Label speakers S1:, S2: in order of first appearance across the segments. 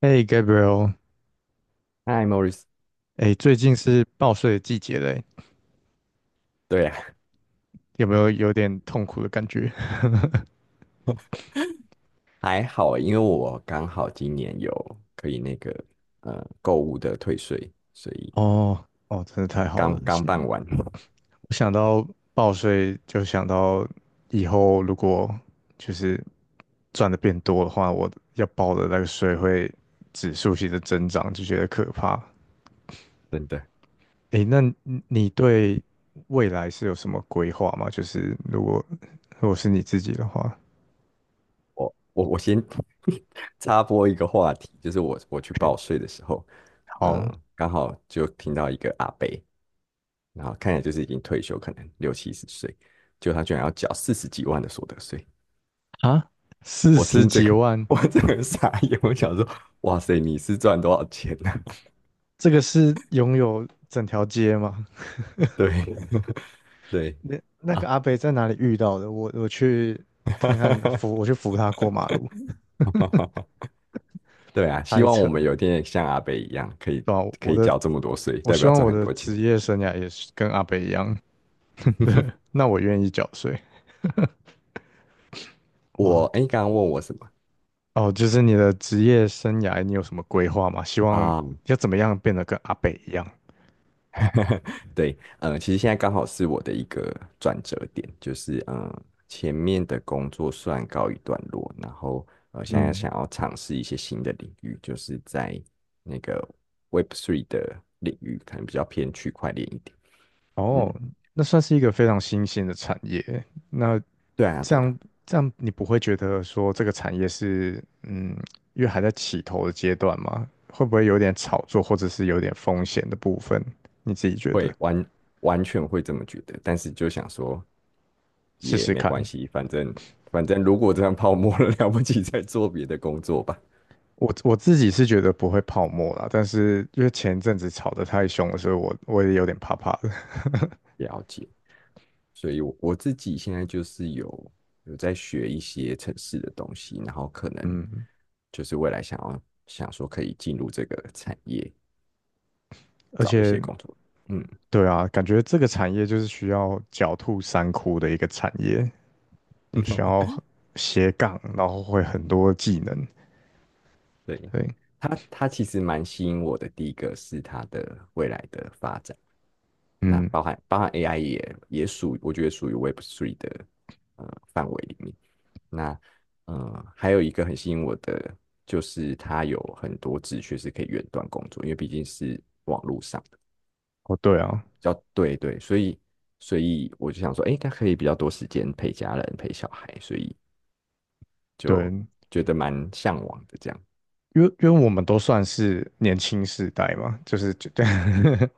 S1: 哎，Gabriel，
S2: 嗨，Morris。
S1: 哎，最近是报税的季节嘞，
S2: 对啊，
S1: 有没有有点痛苦的感觉？
S2: 还好欸，因为我刚好今年有可以那个购物的退税，所 以
S1: 哦，哦，真的太好
S2: 刚
S1: 了！是
S2: 刚办完。
S1: 我想到报税，就想到以后如果就是赚的变多的话，我要报的那个税会指数性的增长，就觉得可怕。
S2: 真的。
S1: 哎，那你对未来是有什么规划吗？就是如果是你自己的话
S2: 我先 插播一个话题，就是我去
S1: ，OK，
S2: 报税的时候，
S1: 好
S2: 嗯，刚好就听到一个阿伯，然后看起来就是已经退休，可能六七十岁，就他居然要缴四十几万的所得税。
S1: 啊，四
S2: 我
S1: 十
S2: 听这
S1: 几
S2: 个，
S1: 万。
S2: 我真个傻眼，我想说，哇塞，你是赚多少钱呢？
S1: 这个是拥有整条街吗？
S2: 对。 对。
S1: 那那个
S2: 啊，
S1: 阿北在哪里遇到的？我去看看扶，我去扶他过马路，
S2: 对啊，希
S1: 开
S2: 望我
S1: 车，
S2: 们有一天像阿北一样，可以
S1: 对吧？
S2: 可以缴这么多税，
S1: 我
S2: 代
S1: 希
S2: 表
S1: 望
S2: 赚
S1: 我
S2: 很
S1: 的
S2: 多钱。
S1: 职业生涯也是跟阿北一样，对，那我愿意缴税。
S2: 我
S1: 哇，
S2: 哎，诶刚刚问我什么
S1: 哦，就是你的职业生涯，你有什么规划吗？希望
S2: 啊？
S1: 要怎么样变得跟阿北一样？
S2: 对。其实现在刚好是我的一个转折点，就是前面的工作算告一段落，然后，现在
S1: 嗯。
S2: 想要尝试一些新的领域，就是在那个 Web Three 的领域，可能比较偏区块链一点。嗯，
S1: 哦，那算是一个非常新兴的产业。那
S2: 对啊，
S1: 这
S2: 对啊，
S1: 样这样，你不会觉得说这个产业是因为还在起头的阶段吗？会不会有点炒作，或者是有点风险的部分？你自己觉得？
S2: 会完完全会这么觉得，但是就想说，
S1: 试
S2: 也
S1: 试
S2: 没
S1: 看。
S2: 关系，反正如果这样泡沫了，了不起再做别的工作吧。
S1: 我自己是觉得不会泡沫啦，但是因为前一阵子炒得太凶了，所以我也有点怕怕的。
S2: 了解。所以我自己现在就是有在学一些城市的东西，然后可能就是未来想要想说可以进入这个产业
S1: 而
S2: 找一
S1: 且，
S2: 些工作。嗯，
S1: 对啊，感觉这个产业就是需要狡兔三窟的一个产业。需要 斜杠，然后会很多技能。
S2: 对。
S1: 对，
S2: 他其实蛮吸引我的。第一个是他的未来的发展，那
S1: 嗯，
S2: 包含 AI 也也属，我觉得属于 Web Three 的呃范围里面。那，还有一个很吸引我的，就是它有很多职缺是可以远端工作，因为毕竟是
S1: 哦，对啊，
S2: 要对对，所以我就想说，诶，它可以比较多时间陪家人、陪小孩，所以就
S1: 对，
S2: 觉得蛮向往的这样，
S1: 因为我们都算是年轻世代嘛，就是就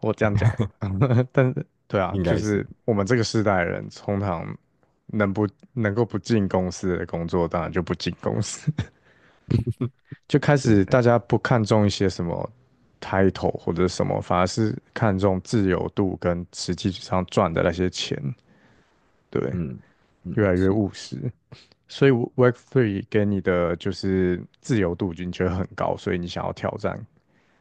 S1: 我这样讲，但是对啊，
S2: 应
S1: 就
S2: 该是
S1: 是我们这个世代的人，通常能不能够不进公司的工作，当然就不进公司，就开
S2: 真
S1: 始
S2: 的。
S1: 大家不看重一些什么 title 或者什么，反而是看重自由度跟实际上赚的那些钱，对，
S2: 嗯嗯，
S1: 越来越
S2: 是
S1: 务实。所以 w o r k Three 给你的就是自由度，你觉得很高，所以你想要挑战。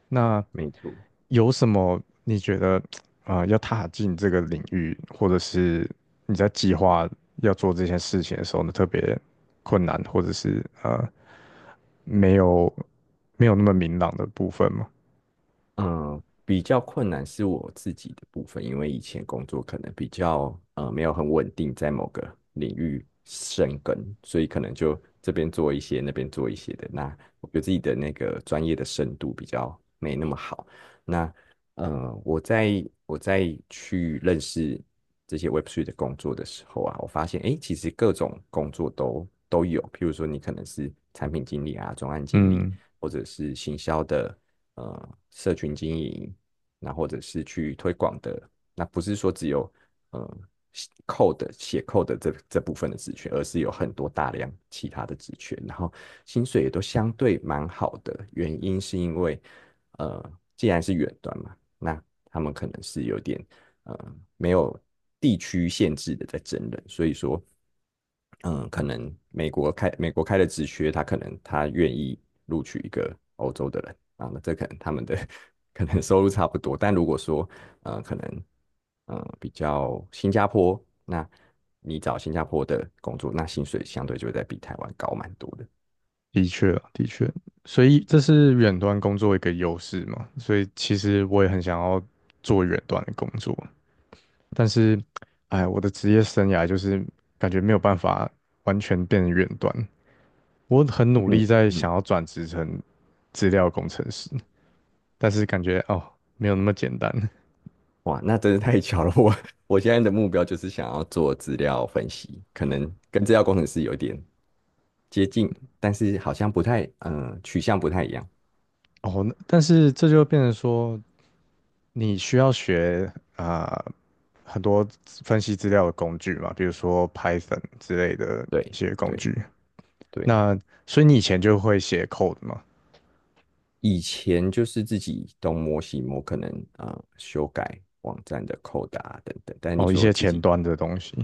S1: 那
S2: 没错。
S1: 有什么你觉得要踏进这个领域，或者是你在计划要做这件事情的时候呢，特别困难，或者是没有没有那么明朗的部分吗？
S2: 嗯，比较困难是我自己的部分，因为以前工作可能比较没有很稳定，在某个领域深耕，所以可能就这边做一些，那边做一些的。那我觉得自己的那个专业的深度比较没那么好。那，我在去认识这些 Web3 的工作的时候啊，我发现诶，其实各种工作都有，譬如说你可能是产品经理啊、专案经理，
S1: 嗯，
S2: 或者是行销的社群经营，那或者是去推广的，那不是说只有呃 写 code 这部分的职权，而是有很多大量其他的职权，然后薪水也都相对蛮好的，原因是因为呃既然是远端嘛，那他们可能是有点呃没有地区限制的在真人，所以说嗯，可能美国开的职缺，他可能他愿意录取一个欧洲的人啊，那这可能他们的 可能收入差不多，但如果说可能比较新加坡，那你找新加坡的工作，那薪水相对就会在比台湾高蛮多的。
S1: 的确啊的确，所以这是远端工作一个优势嘛，所以其实我也很想要做远端的工作，但是，哎，我的职业生涯就是感觉没有办法完全变成远端。我很努
S2: 嗯
S1: 力在
S2: 嗯，
S1: 想要转职成资料工程师，但是感觉哦，没有那么简单
S2: 哇，那真是太巧了，我现在的目标就是想要做资料分析，可能跟资料工程师有点接近，但是好像不太取向不太一样。
S1: 哦。那但是这就变成说，你需要学啊、很多资分析资料的工具嘛，比如说 Python 之类的一
S2: 对
S1: 些工
S2: 对。
S1: 具。
S2: 对，
S1: 那所以你以前就会写 code 嘛？
S2: 以前就是自己东摸西摸，可能修改网站的扣打啊等等，但是你
S1: 哦，一
S2: 说
S1: 些
S2: 自
S1: 前
S2: 己
S1: 端的东西。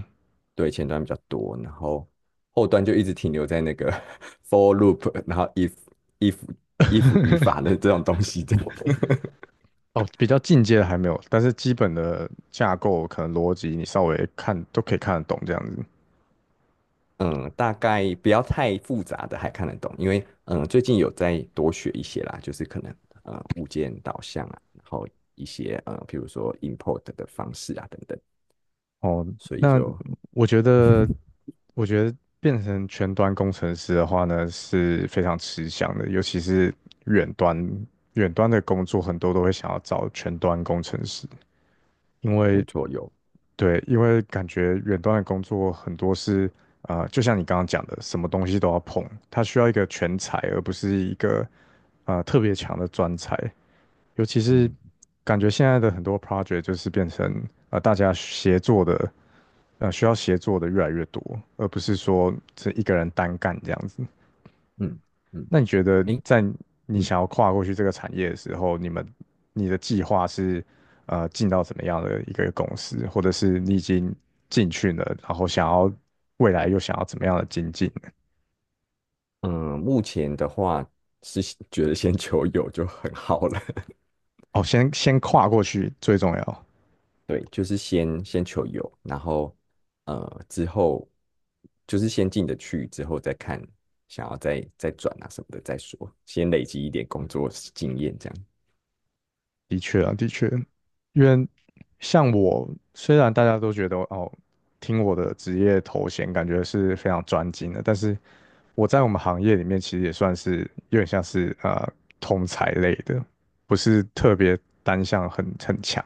S2: 对前端比较多，然后后端就一直停留在那个 for loop，然后 if if 语法的这种东西这种
S1: 哦，比较进阶的还没有，但是基本的架构可能逻辑你稍微看都可以看得懂这样子。
S2: 嗯，大概不要太复杂的还看得懂，因为最近有在多学一些啦，就是可能物件导向啊，然后一些比如说 import 的方式啊等等，
S1: 哦，
S2: 所以
S1: 那
S2: 就
S1: 我觉得，我觉得变成全端工程师的话呢，是非常吃香的，尤其是远端远端的工作，很多都会想要找全端工程师，因
S2: 没
S1: 为
S2: 错有
S1: 对，因为感觉远端的工作很多是。呃，就像你刚刚讲的，什么东西都要碰，它需要一个全才，而不是一个特别强的专才。尤其是
S2: 嗯。
S1: 感觉现在的很多 project 就是变成大家协作的，需要协作的越来越多，而不是说是一个人单干这样子。
S2: 嗯嗯，
S1: 那你觉得
S2: 诶，
S1: 在你
S2: 嗯
S1: 想要跨过去这个产业的时候，你的计划是进到怎么样的一个公司，或者是你已经进去了，然后想要未来又想要怎么样的精进呢
S2: 嗯，目前的话是觉得先求有就很好了。
S1: 哦，先先跨过去最重要。
S2: 对，就是先求有，然后之后就是先进得去，之后再看想要再转啊什么的再说，先累积一点工作经验这样。
S1: 的确啊，的确，因为像我，虽然大家都觉得哦，听我的职业头衔感觉是非常专精的，但是我在我们行业里面其实也算是有点像是通才类的，不是特别单项很强，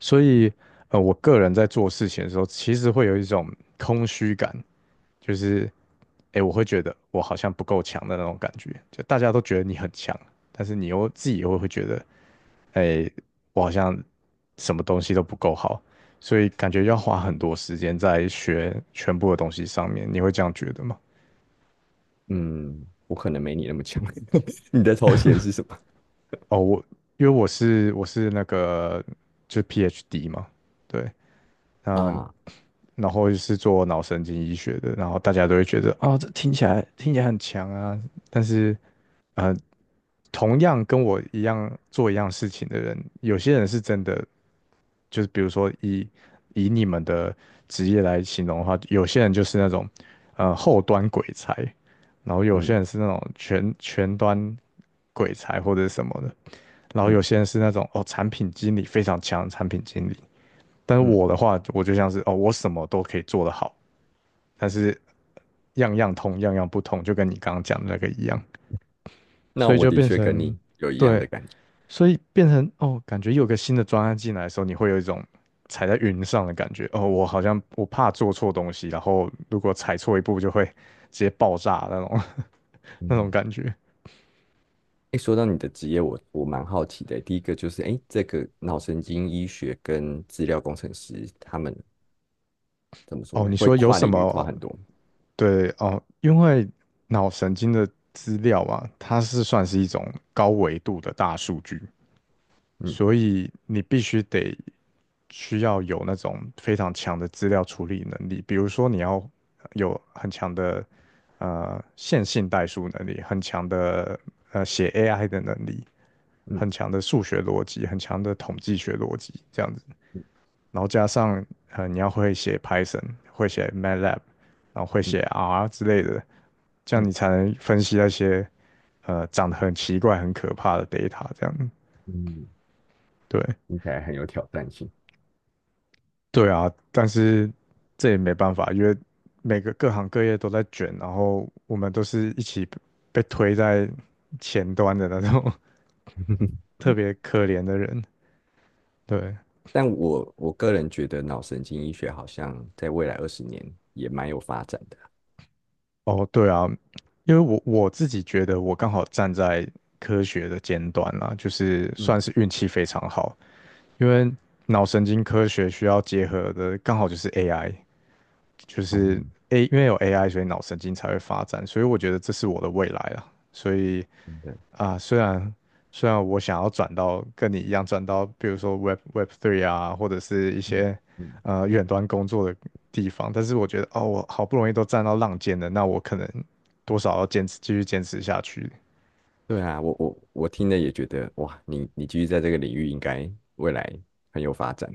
S1: 所以呃，我个人在做事情的时候，其实会有一种空虚感，就是诶，我会觉得我好像不够强的那种感觉，就大家都觉得你很强，但是你又自己又会觉得。哎，我好像什么东西都不够好，所以感觉要花很多时间在学全部的东西上面。你会这样觉得吗？
S2: 嗯，我可能没你那么强。你的头衔是什么
S1: 哦，因为我是那个就是 PhD 嘛，对，嗯，
S2: 啊？
S1: 然后是做脑神经医学的，然后大家都会觉得啊、这听起来很强啊，但是呃同样跟我一样做一样事情的人，有些人是真的，就是比如说以你们的职业来形容的话，有些人就是那种后端鬼才，然后有些
S2: 嗯
S1: 人是那种全前端鬼才或者什么的，然后有
S2: 嗯
S1: 些人是那种哦产品经理非常强的产品经理，但是
S2: 嗯，
S1: 我的话，我就像是哦我什么都可以做得好，但是样样通样样不通，就跟你刚刚讲的那个一样，
S2: 那
S1: 所以
S2: 我
S1: 就
S2: 的
S1: 变
S2: 确跟
S1: 成
S2: 你有一样
S1: 对。
S2: 的感觉。
S1: 所以变成哦，感觉有个新的专案进来的时候，你会有一种踩在云上的感觉。哦，我好像我怕做错东西，然后如果踩错一步就会直接爆炸那种 那种
S2: 嗯。
S1: 感觉。
S2: 哎，说到你的职业，我蛮好奇的。第一个就是，哎，这个脑神经医学跟资料工程师，他们怎么说
S1: 哦，
S2: 呢？
S1: 你
S2: 会
S1: 说有
S2: 跨
S1: 什
S2: 领域跨
S1: 么？
S2: 很多。
S1: 对哦，因为脑神经的资料啊，它是算是一种高维度的大数据，
S2: 嗯
S1: 所以你必须得需要有那种非常强的资料处理能力，比如说你要有很强的线性代数能力，很强的写 AI 的能力，
S2: 嗯
S1: 很强的数学逻辑，很强的统计学逻辑这样子，
S2: 嗯
S1: 然后加上你要会写 Python，会写 MATLAB，然后会写
S2: 嗯
S1: R 之类的，这样
S2: 嗯
S1: 你才能分析那些长得很奇怪、很可怕的 data 这样，
S2: 嗯，
S1: 对。
S2: 听起来很有挑战性。
S1: 对啊，但是这也没办法，因为每个各行各业都在卷，然后我们都是一起被推在前端的那种 特 别可怜的人。对，
S2: 但我个人觉得脑神经医学好像在未来20年也蛮有发展的。
S1: 哦，对啊，因为我我自己觉得我刚好站在科学的尖端啦，就是算
S2: 嗯，
S1: 是运气非常好，因为脑神经科学需要结合的刚好就是 AI，就
S2: 哦，
S1: 是 A，因为有 AI，所以脑神经才会发展，所以我觉得这是我的未来啊，所以。
S2: 真的
S1: 啊，虽然我想要转到跟你一样转到，比如说 Web Three 啊，或者是一
S2: 嗯
S1: 些
S2: 嗯，
S1: 远端工作的地方，但是我觉得哦，我好不容易都站到浪尖了，那我可能多少要坚持继续坚持下去，
S2: 对啊，我听了也觉得，哇，你继续在这个领域，应该未来很有发展。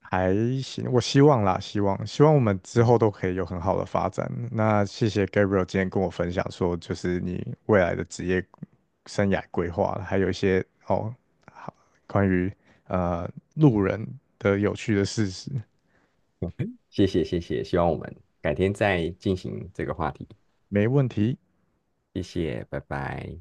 S1: 还行，我希望啦，希望我们之后 都可以有很好的发展。那谢谢 Gabriel 今天跟我分享说，就是你未来的职业生涯规划，还有一些哦，好关于呃路人的有趣的事实。
S2: 谢谢谢谢，希望我们改天再进行这个话题，
S1: 没问题。
S2: 谢谢，拜拜。